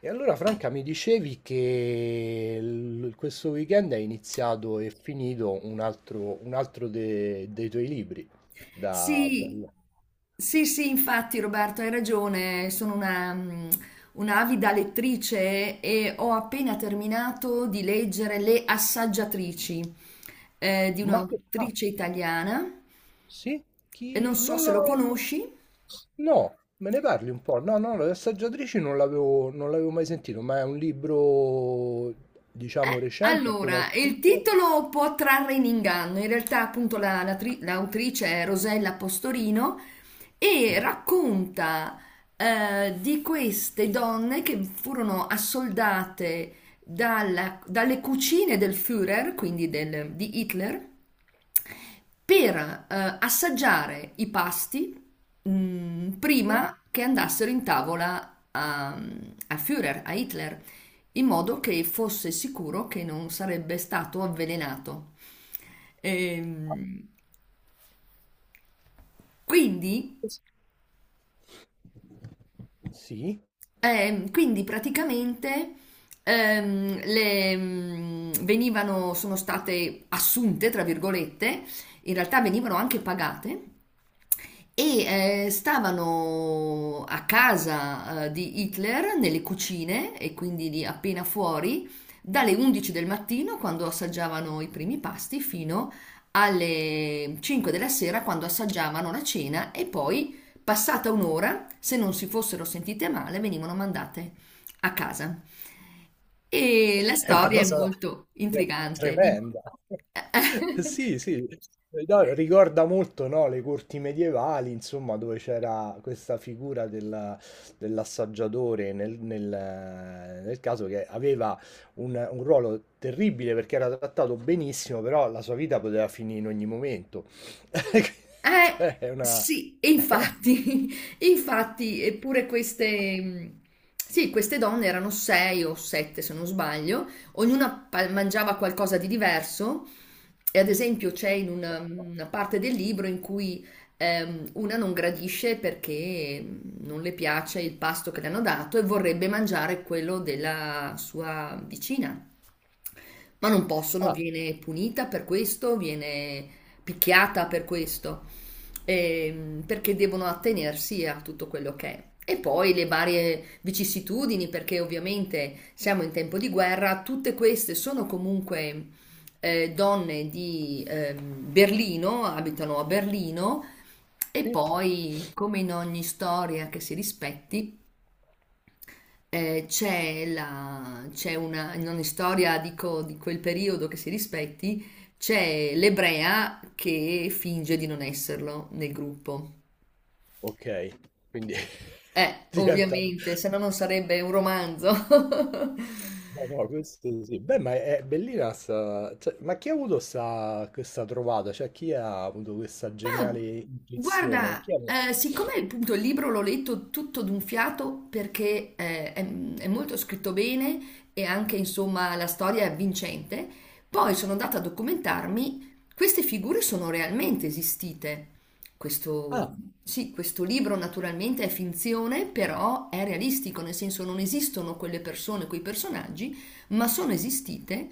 Franca, mi dicevi che questo weekend è iniziato e finito un altro dei tuoi libri. Da, da- Sì, sì, sì, infatti Roberto, hai ragione, sono un'avida lettrice e ho appena terminato di leggere Le Assaggiatrici di Ah, un'autrice italiana sì? e non Chi... so Non se lo lo... conosci. No, me ne parli un po'. No, no, le assaggiatrici non l'avevo mai sentito, ma è un libro, Eh, diciamo, recente, appena allora, il uscito. titolo può trarre in inganno, in realtà appunto l'autrice è Rosella Postorino e racconta di queste donne che furono assoldate dalle cucine del Führer, quindi di Hitler, per assaggiare i pasti Sì? prima che andassero in tavola a Führer, a Hitler, in modo che fosse sicuro che non sarebbe stato avvelenato. Ehm, quindi Sì? quindi praticamente le venivano, sono state assunte, tra virgolette, in realtà venivano anche pagate e stavano a casa di Hitler nelle cucine e quindi lì appena fuori dalle 11 del mattino quando assaggiavano i primi pasti fino alle 5 della sera quando assaggiavano la cena e poi passata un'ora, se non si fossero sentite male, venivano mandate a casa. E la È una storia è cosa molto tre intrigante. Tremenda. Sì, sì, no, ricorda molto, no, le corti medievali, insomma, dove c'era questa figura dell'assaggiatore nel caso che aveva un ruolo terribile perché era trattato benissimo, però la sua vita poteva finire in ogni momento. Cioè, è una... sì, e infatti, infatti, eppure queste donne erano sei o sette, se non sbaglio, ognuna mangiava qualcosa di diverso. E ad esempio c'è in una parte del libro in cui una non gradisce perché non le piace il pasto che le hanno dato e vorrebbe mangiare quello della sua vicina. Ma non possono, Ah, viene punita per questo, viene picchiata per questo, perché devono attenersi a tutto quello che è. E poi le varie vicissitudini, perché ovviamente siamo in tempo di guerra, tutte queste sono comunque donne di Berlino, abitano a Berlino, e sì? poi, come in ogni storia che si rispetti, c'è una, in ogni storia dico, di quel periodo che si rispetti, c'è l'ebrea che finge di non esserlo nel gruppo. Ok, quindi Eh, diventa... ovviamente, se no non sarebbe un romanzo. Eh no, questo sì. Beh, ma è bellina sta... cioè, ma chi ha avuto sta... questa trovata? Cioè, chi ha avuto questa geniale Ma intuizione? guarda, Chi ha... siccome appunto il libro l'ho letto tutto d'un fiato perché è molto scritto bene e anche insomma la storia è avvincente, poi sono andata a documentarmi, queste figure sono realmente esistite. Questo, Ah, sì, questo libro naturalmente è finzione, però è realistico, nel senso non esistono quelle persone, quei personaggi ma sono esistite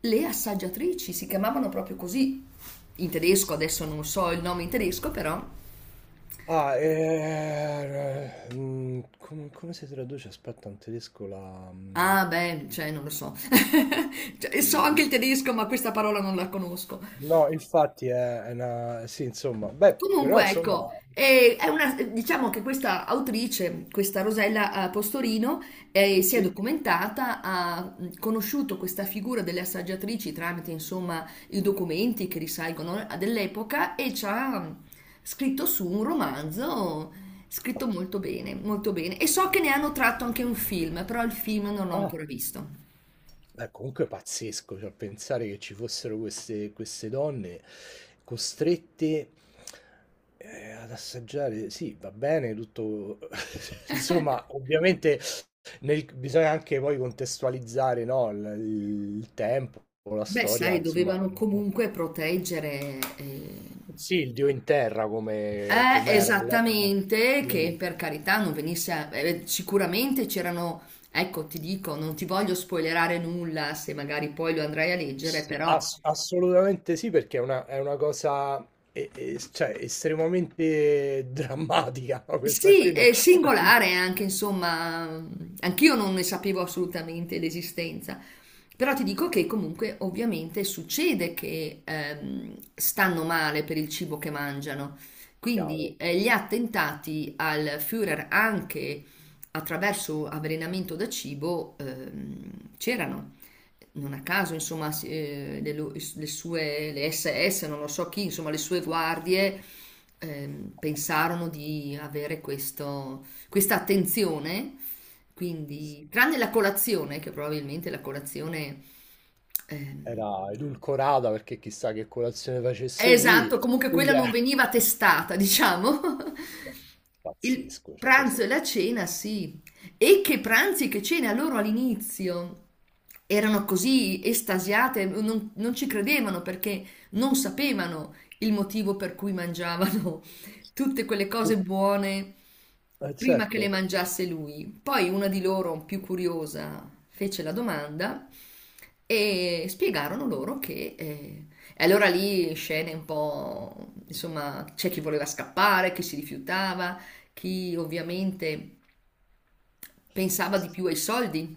le assaggiatrici, si chiamavano proprio così in tedesco, sì, sì. adesso non so il nome in tedesco, però Ah, come si traduce? Aspetta, in tedesco la... ah beh, cioè non lo so. Cioè, so anche il tedesco, ma questa parola non la conosco. No, infatti è una... Sì, insomma, beh, però Comunque, insomma... ecco, diciamo che questa autrice, questa Rosella Postorino, si è Sì. documentata, ha conosciuto questa figura delle assaggiatrici tramite, insomma, i documenti che risalgono a dell'epoca e ci ha scritto su un romanzo scritto molto bene, molto bene. E so che ne hanno tratto anche un film, però il film non l'ho Ah! ancora visto. Beh, comunque è pazzesco, cioè pensare che ci fossero queste donne costrette ad assaggiare, sì, va bene, tutto, insomma, ovviamente bisogna anche poi contestualizzare, no, il tempo, la Beh, storia, sai, insomma, dovevano comunque proteggere. sì, il Dio in terra come, Eh, come era. esattamente, Quindi, che per carità non venisse sicuramente c'erano, ecco, ti dico, non ti voglio spoilerare nulla se magari poi lo andrai a leggere, sì, però assolutamente sì, perché è una cosa cioè, estremamente drammatica. No? Questa sì, qui no. è singolare anche, insomma, anch'io non ne sapevo assolutamente l'esistenza. Però ti dico che comunque ovviamente succede che stanno male per il cibo che mangiano. Quindi Chiaro, gli attentati al Führer anche attraverso avvelenamento da cibo c'erano. Non a caso, insomma, le SS, non lo so chi, insomma, le sue guardie pensarono di avere questa attenzione quindi, tranne la colazione, che probabilmente la colazione... ehm, era edulcorata perché chissà che colazione facesse lui. esatto, comunque quella Quindi non è veniva testata, diciamo. Il pazzesco. Cioè, questo... pranzo e la cena, sì. E che pranzi, che cena loro all'inizio. Erano così estasiate, non ci credevano perché non sapevano il motivo per cui mangiavano tutte quelle cose buone prima che le certo. mangiasse lui. Poi una di loro, più curiosa, fece la domanda e spiegarono loro. E allora lì scene un po', insomma, c'è chi voleva scappare, chi si rifiutava, chi ovviamente pensava Sì, di sì. più ai soldi.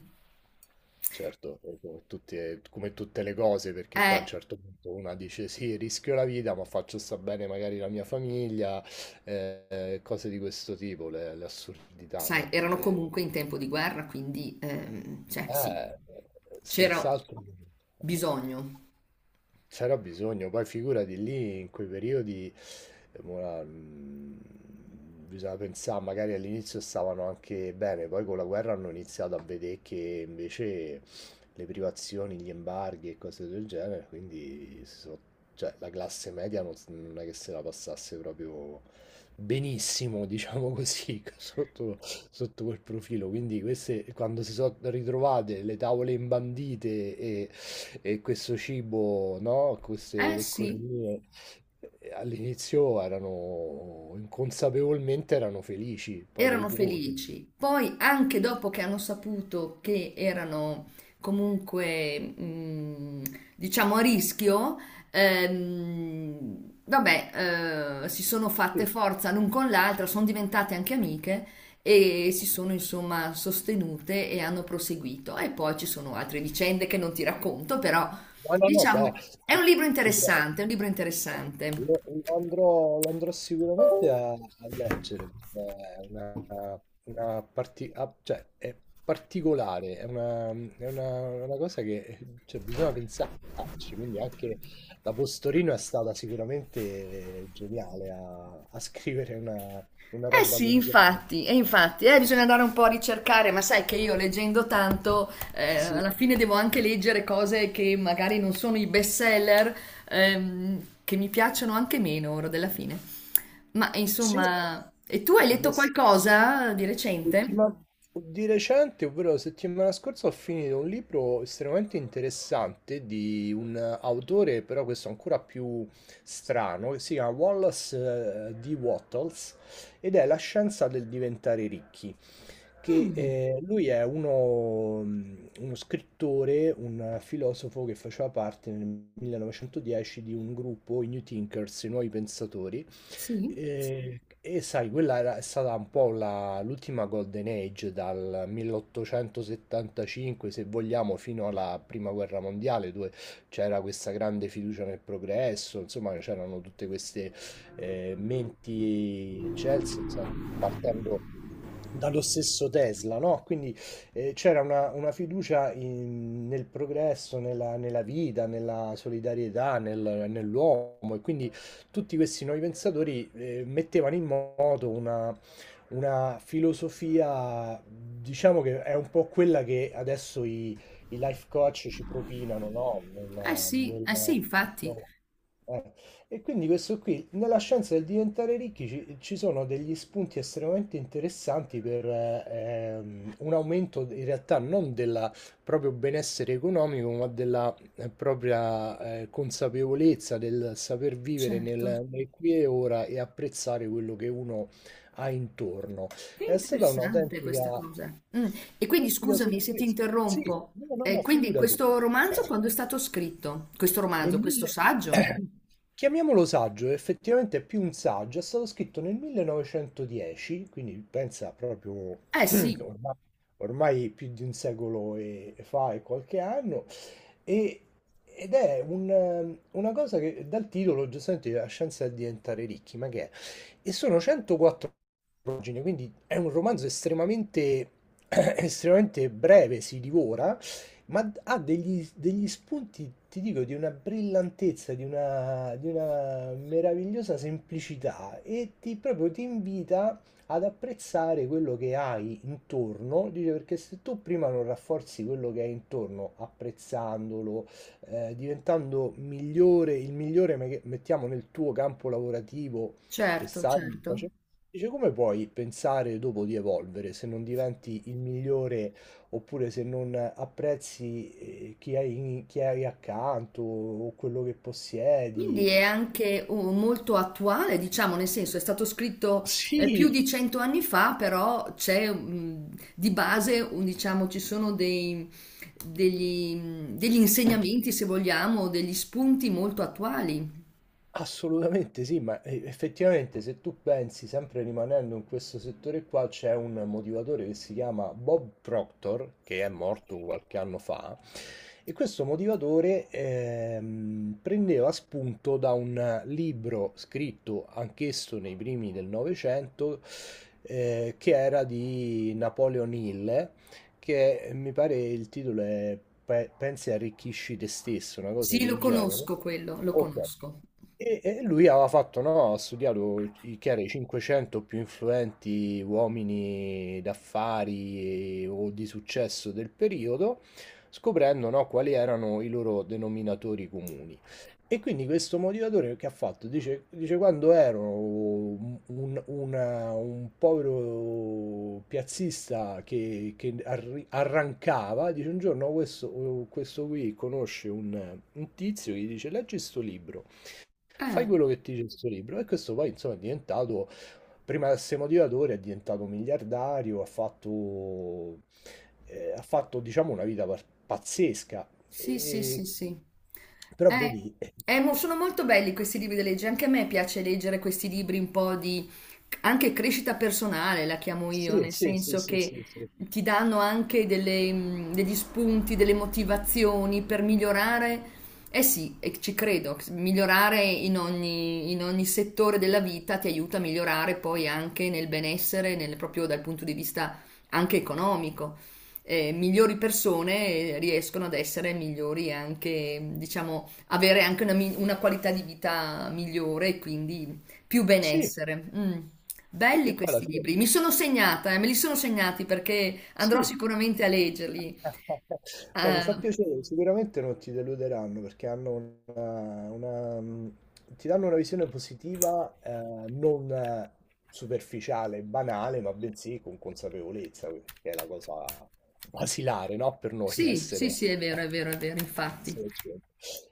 Certo, come tutte le cose, perché poi a un Eh, certo punto una dice sì, rischio la vita, ma faccio sta bene magari la mia famiglia, cose di questo tipo, le assurdità, sai, no? erano E... comunque in tempo di guerra, quindi, cioè, sì, eh, c'era senz'altro. Eh. bisogno. C'era bisogno, poi figurati lì in quei periodi, eh, mo la- mm, bisogna pensare, magari all'inizio stavano anche bene, poi con la guerra hanno iniziato a vedere che invece le privazioni, gli embarghi e cose del genere, quindi cioè, la classe media non, non è che se la passasse proprio benissimo, diciamo così, sotto, sotto quel profilo. Quindi queste, quando si sono ritrovate le tavole imbandite e questo cibo, no, queste Eh le sì. cornie, all'inizio erano inconsapevolmente erano felici, poi Erano dopo... felici. Poi, anche dopo che hanno saputo che erano comunque, diciamo, a rischio, vabbè, si sono fatte Sì. forza l'un con l'altra, sono diventate anche amiche e si sono insomma sostenute e hanno proseguito. E poi ci sono altre vicende che non ti racconto, però No, no, no, beh, diciamo è un libro ti prego. interessante, è un libro interessante. Lo andrò sicuramente a, a leggere perché è una, cioè, è particolare, è una, una cosa che cioè, bisogna pensarci. Quindi anche la Postorino è stata sicuramente geniale a, a scrivere una Eh roba sì, del genere. infatti, e infatti, bisogna andare un po' a ricercare, ma sai che io leggendo tanto, Sì, alla fine devo anche leggere cose che magari non sono i best seller, che mi piacciono anche meno ora della fine. Ma sì, insomma, e tu hai letto beh, qualcosa di recente? Settima- di recente, ovvero settimana scorsa, ho finito un libro estremamente interessante di un autore, però questo ancora più strano, che si chiama Wallace D. Wattles ed è La scienza del diventare ricchi, che Mm, lui è uno, uno scrittore, un filosofo che faceva parte nel 1910 di un gruppo, i New Thinkers, i nuovi pensatori, sì, e sai, è stata un po' l'ultima Golden Age dal 1875, se vogliamo, fino alla Prima Guerra Mondiale, dove c'era questa grande fiducia nel progresso, insomma, c'erano tutte queste menti eccelse, insomma, partendo dallo stesso Tesla, no? Quindi c'era una fiducia nel progresso, nella, nella vita, nella solidarietà, nell'uomo, e quindi tutti questi nuovi pensatori mettevano in moto una filosofia, diciamo che è un po' quella che adesso i, i life coach ci propinano, no? eh sì, eh sì, infatti, No. Eh, e quindi questo qui, nella scienza del diventare ricchi ci, ci sono degli spunti estremamente interessanti per un aumento in realtà non del proprio benessere economico, ma della propria consapevolezza del saper vivere certo. nel, nel qui e ora e apprezzare quello che uno ha intorno. Che È stata interessante un'autentica questa cosa. Mm. E quindi un'autentica scusami se ti sorpresa. Sì, interrompo. no, no, Eh, no, quindi figurati. questo romanzo quando è stato scritto? Questo Nel romanzo, questo mille... saggio? Chiamiamolo saggio, effettivamente è più un saggio, è stato scritto nel 1910, quindi pensa proprio Eh sì, ormai, ormai più di un secolo e fa e qualche anno, e... ed è un, una cosa che dal titolo giustamente la scienza è diventare ricchi, ma che è? E sono 104 pagine, quindi è un romanzo estremamente, estremamente breve, si divora, ma ha degli, degli spunti, ti dico, di una brillantezza, di una meravigliosa semplicità e ti, proprio ti invita ad apprezzare quello che hai intorno, dice perché se tu prima non rafforzi quello che hai intorno, apprezzandolo, diventando migliore, il migliore, mettiamo nel tuo campo lavorativo che certo, stai certo. facendo, dice come puoi pensare dopo di evolvere se non diventi il migliore? Oppure se non apprezzi chi hai, chi hai accanto o quello che Quindi possiedi. è anche molto attuale, diciamo, nel senso è stato scritto più di Sì, 100 anni fa, però c'è di base, diciamo, ci sono degli insegnamenti, se vogliamo, degli spunti molto attuali. assolutamente sì, ma effettivamente se tu pensi, sempre rimanendo in questo settore qua, c'è un motivatore che si chiama Bob Proctor, che è morto qualche anno fa, e questo motivatore prendeva spunto da un libro scritto anch'esso nei primi del Novecento, che era di Napoleon Hill, che mi pare il titolo è Pensi e arricchisci te stesso, una cosa Sì, lo del genere. conosco quello, lo Ok. conosco. E lui aveva fatto, no, ha studiato i, che era i 500 più influenti uomini d'affari o di successo del periodo, scoprendo, no, quali erano i loro denominatori comuni. E quindi questo motivatore che ha fatto? Dice, dice quando ero un, un povero piazzista che arrancava, dice un giorno questo, questo qui conosce un tizio che gli dice leggi sto libro. Fai Eh, quello che ti dice questo libro. E questo poi, insomma, è diventato, prima di essere motivatore, è diventato miliardario, ha fatto, diciamo, una vita pazzesca. sì, sì, E... sì, sì. Però vedi, Eh, sono molto belli questi libri da leggere, anche a me piace leggere questi libri un po' di anche crescita personale, la chiamo io, sì, nel sì, sì, senso sì, che sì, sì, ti danno anche degli spunti, delle motivazioni per migliorare. Eh sì, e ci credo, migliorare in ogni settore della vita ti aiuta a migliorare poi anche nel benessere, proprio dal punto di vista anche economico. Migliori persone riescono ad essere migliori e anche, diciamo, avere anche una qualità di vita migliore e quindi più sì, benessere. Mm. Belli perché poi alla questi fine, libri, mi sono segnata, me li sono segnati perché andrò sì, sicuramente a leggerli. beh, mi fa Eh, piacere, sicuramente non ti deluderanno perché hanno una, ti danno una visione positiva, non superficiale, banale, ma bensì con consapevolezza, che è la cosa basilare, no? Per noi sì, sì, essere, sì, è vero, è vero, è vero, infatti. essere gente.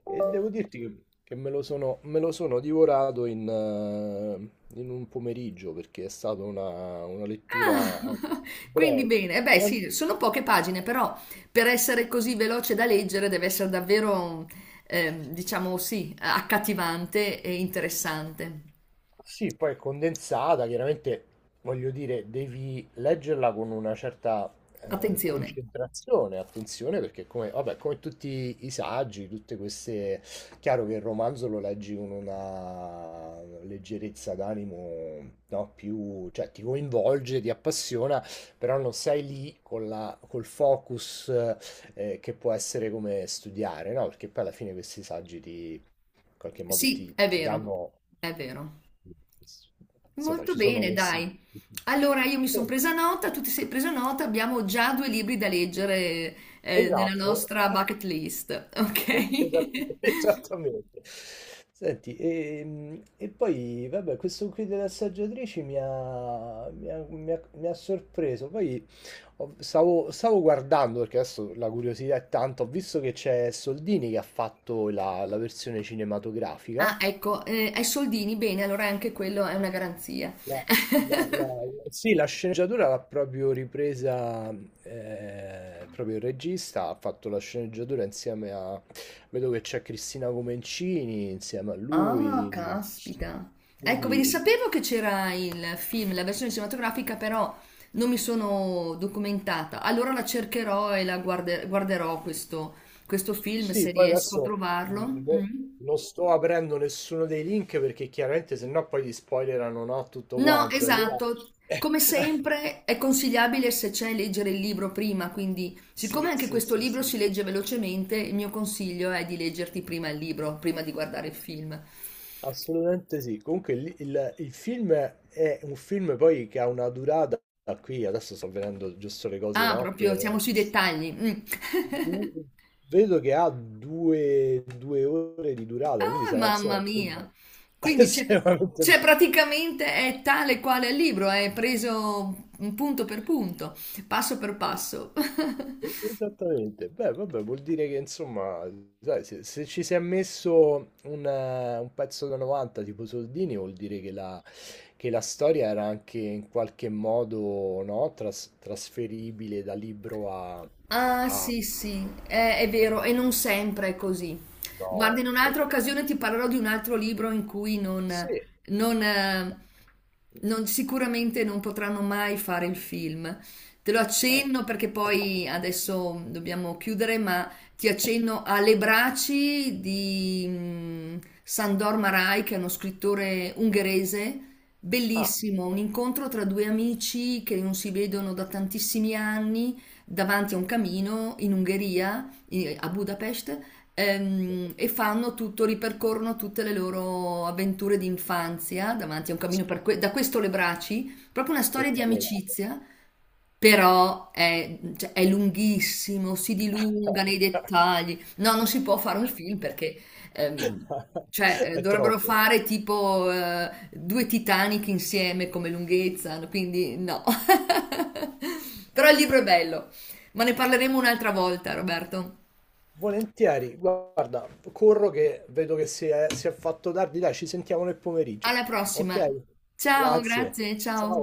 E devo dirti che, che me lo sono divorato in, in un pomeriggio perché è stata una Ah, lettura quindi breve. bene. Eh beh, Eh, sì, sono poche pagine, però per essere così veloce da leggere deve essere davvero, diciamo sì, accattivante e interessante. Sì, poi è condensata, chiaramente voglio dire, devi leggerla con una certa Attenzione. concentrazione, attenzione, perché come, vabbè, come tutti i saggi, tutte queste... Chiaro che il romanzo lo leggi con una leggerezza d'animo, no, più... cioè ti coinvolge, ti appassiona, però non sei lì con la, col focus che può essere come studiare, no? Perché poi alla fine questi saggi ti in qualche modo Sì, ti è ti vero, danno è vero. eh, insomma Molto ci sono bene, questi dai. Allora, io mi sono sì, presa nota, tu ti sei presa nota, abbiamo già due libri da leggere, nella esatto, nostra bucket list, e esa ok? esattamente. Senti, e poi vabbè questo qui delle assaggiatrici mi ha sorpreso, poi ho stavo stavo guardando, perché adesso la curiosità è tanta, ho visto che c'è Soldini che ha fatto la versione cinematografica. Ah, ecco, ai soldini, bene, allora anche quello è una garanzia. La, la- la- sì, la sceneggiatura l'ha proprio ripresa proprio il regista, ha fatto la sceneggiatura insieme a... Vedo che c'è Cristina Comencini insieme a Ah, lui, caspita. Ecco, vedi, quindi sapevo che c'era il film, la versione cinematografica, però non mi sono documentata. Allora la cercherò e la guarderò questo film sì, se poi riesco a adesso mh, trovarlo. no- Mm. non sto aprendo nessuno dei link perché chiaramente se no poi gli spoilerano no, tutto No, quanto, allora esatto. Come sempre è consigliabile se c'è leggere il libro prima, quindi siccome sì, anche sì, questo sì, libro sì. si legge velocemente, il mio consiglio è di leggerti prima il libro, prima di guardare il film. Assolutamente sì. Comunque il film è un film poi che ha una durata, qui adesso sto vedendo giusto le cose, Ah, no? proprio Per siamo sui dettagli. Mm. du- vedo che ha due ore di durata, quindi Oh, sarà insomma mamma un film mia! Quindi c'è estremamente praticamente è tale quale il libro, è preso un punto per punto, passo per passo. esattamente, beh, vabbè, vuol dire che insomma, sai, se ci si è messo un pezzo da 90 tipo Soldini, vuol dire che la storia era anche in qualche modo no, trasferibile da libro a... Ah, a... sì, sì, è vero, e non sempre è così. Guarda, in No, un'altra certo. occasione ti parlerò di un altro libro in cui Sì. non, eh, sicuramente non potranno mai fare il film. Te lo Eh. accenno perché poi adesso dobbiamo chiudere, ma ti accenno a Le braci di Sandor Marai, che è uno scrittore ungherese. Ah, Bellissimo, un incontro tra due amici che non si vedono da tantissimi anni davanti a un camino in Ungheria, a Budapest, beh, e fanno tutto, ripercorrono tutte le loro avventure di infanzia davanti a un camino spe- per da questo le braci, proprio una storia di spettacolare. amicizia, però è lunghissimo, si dilunga nei dettagli. No, non si può fare un film perché... ehm, È dovrebbero troppo. fare tipo due Titanic insieme come lunghezza, quindi no. Però il libro è bello, ma ne parleremo un'altra volta, Roberto. Volentieri, guarda, corro che vedo che si è fatto tardi, dai, ci sentiamo nel pomeriggio. Alla Ok? prossima. Ciao, Grazie. grazie, ciao. Ciao.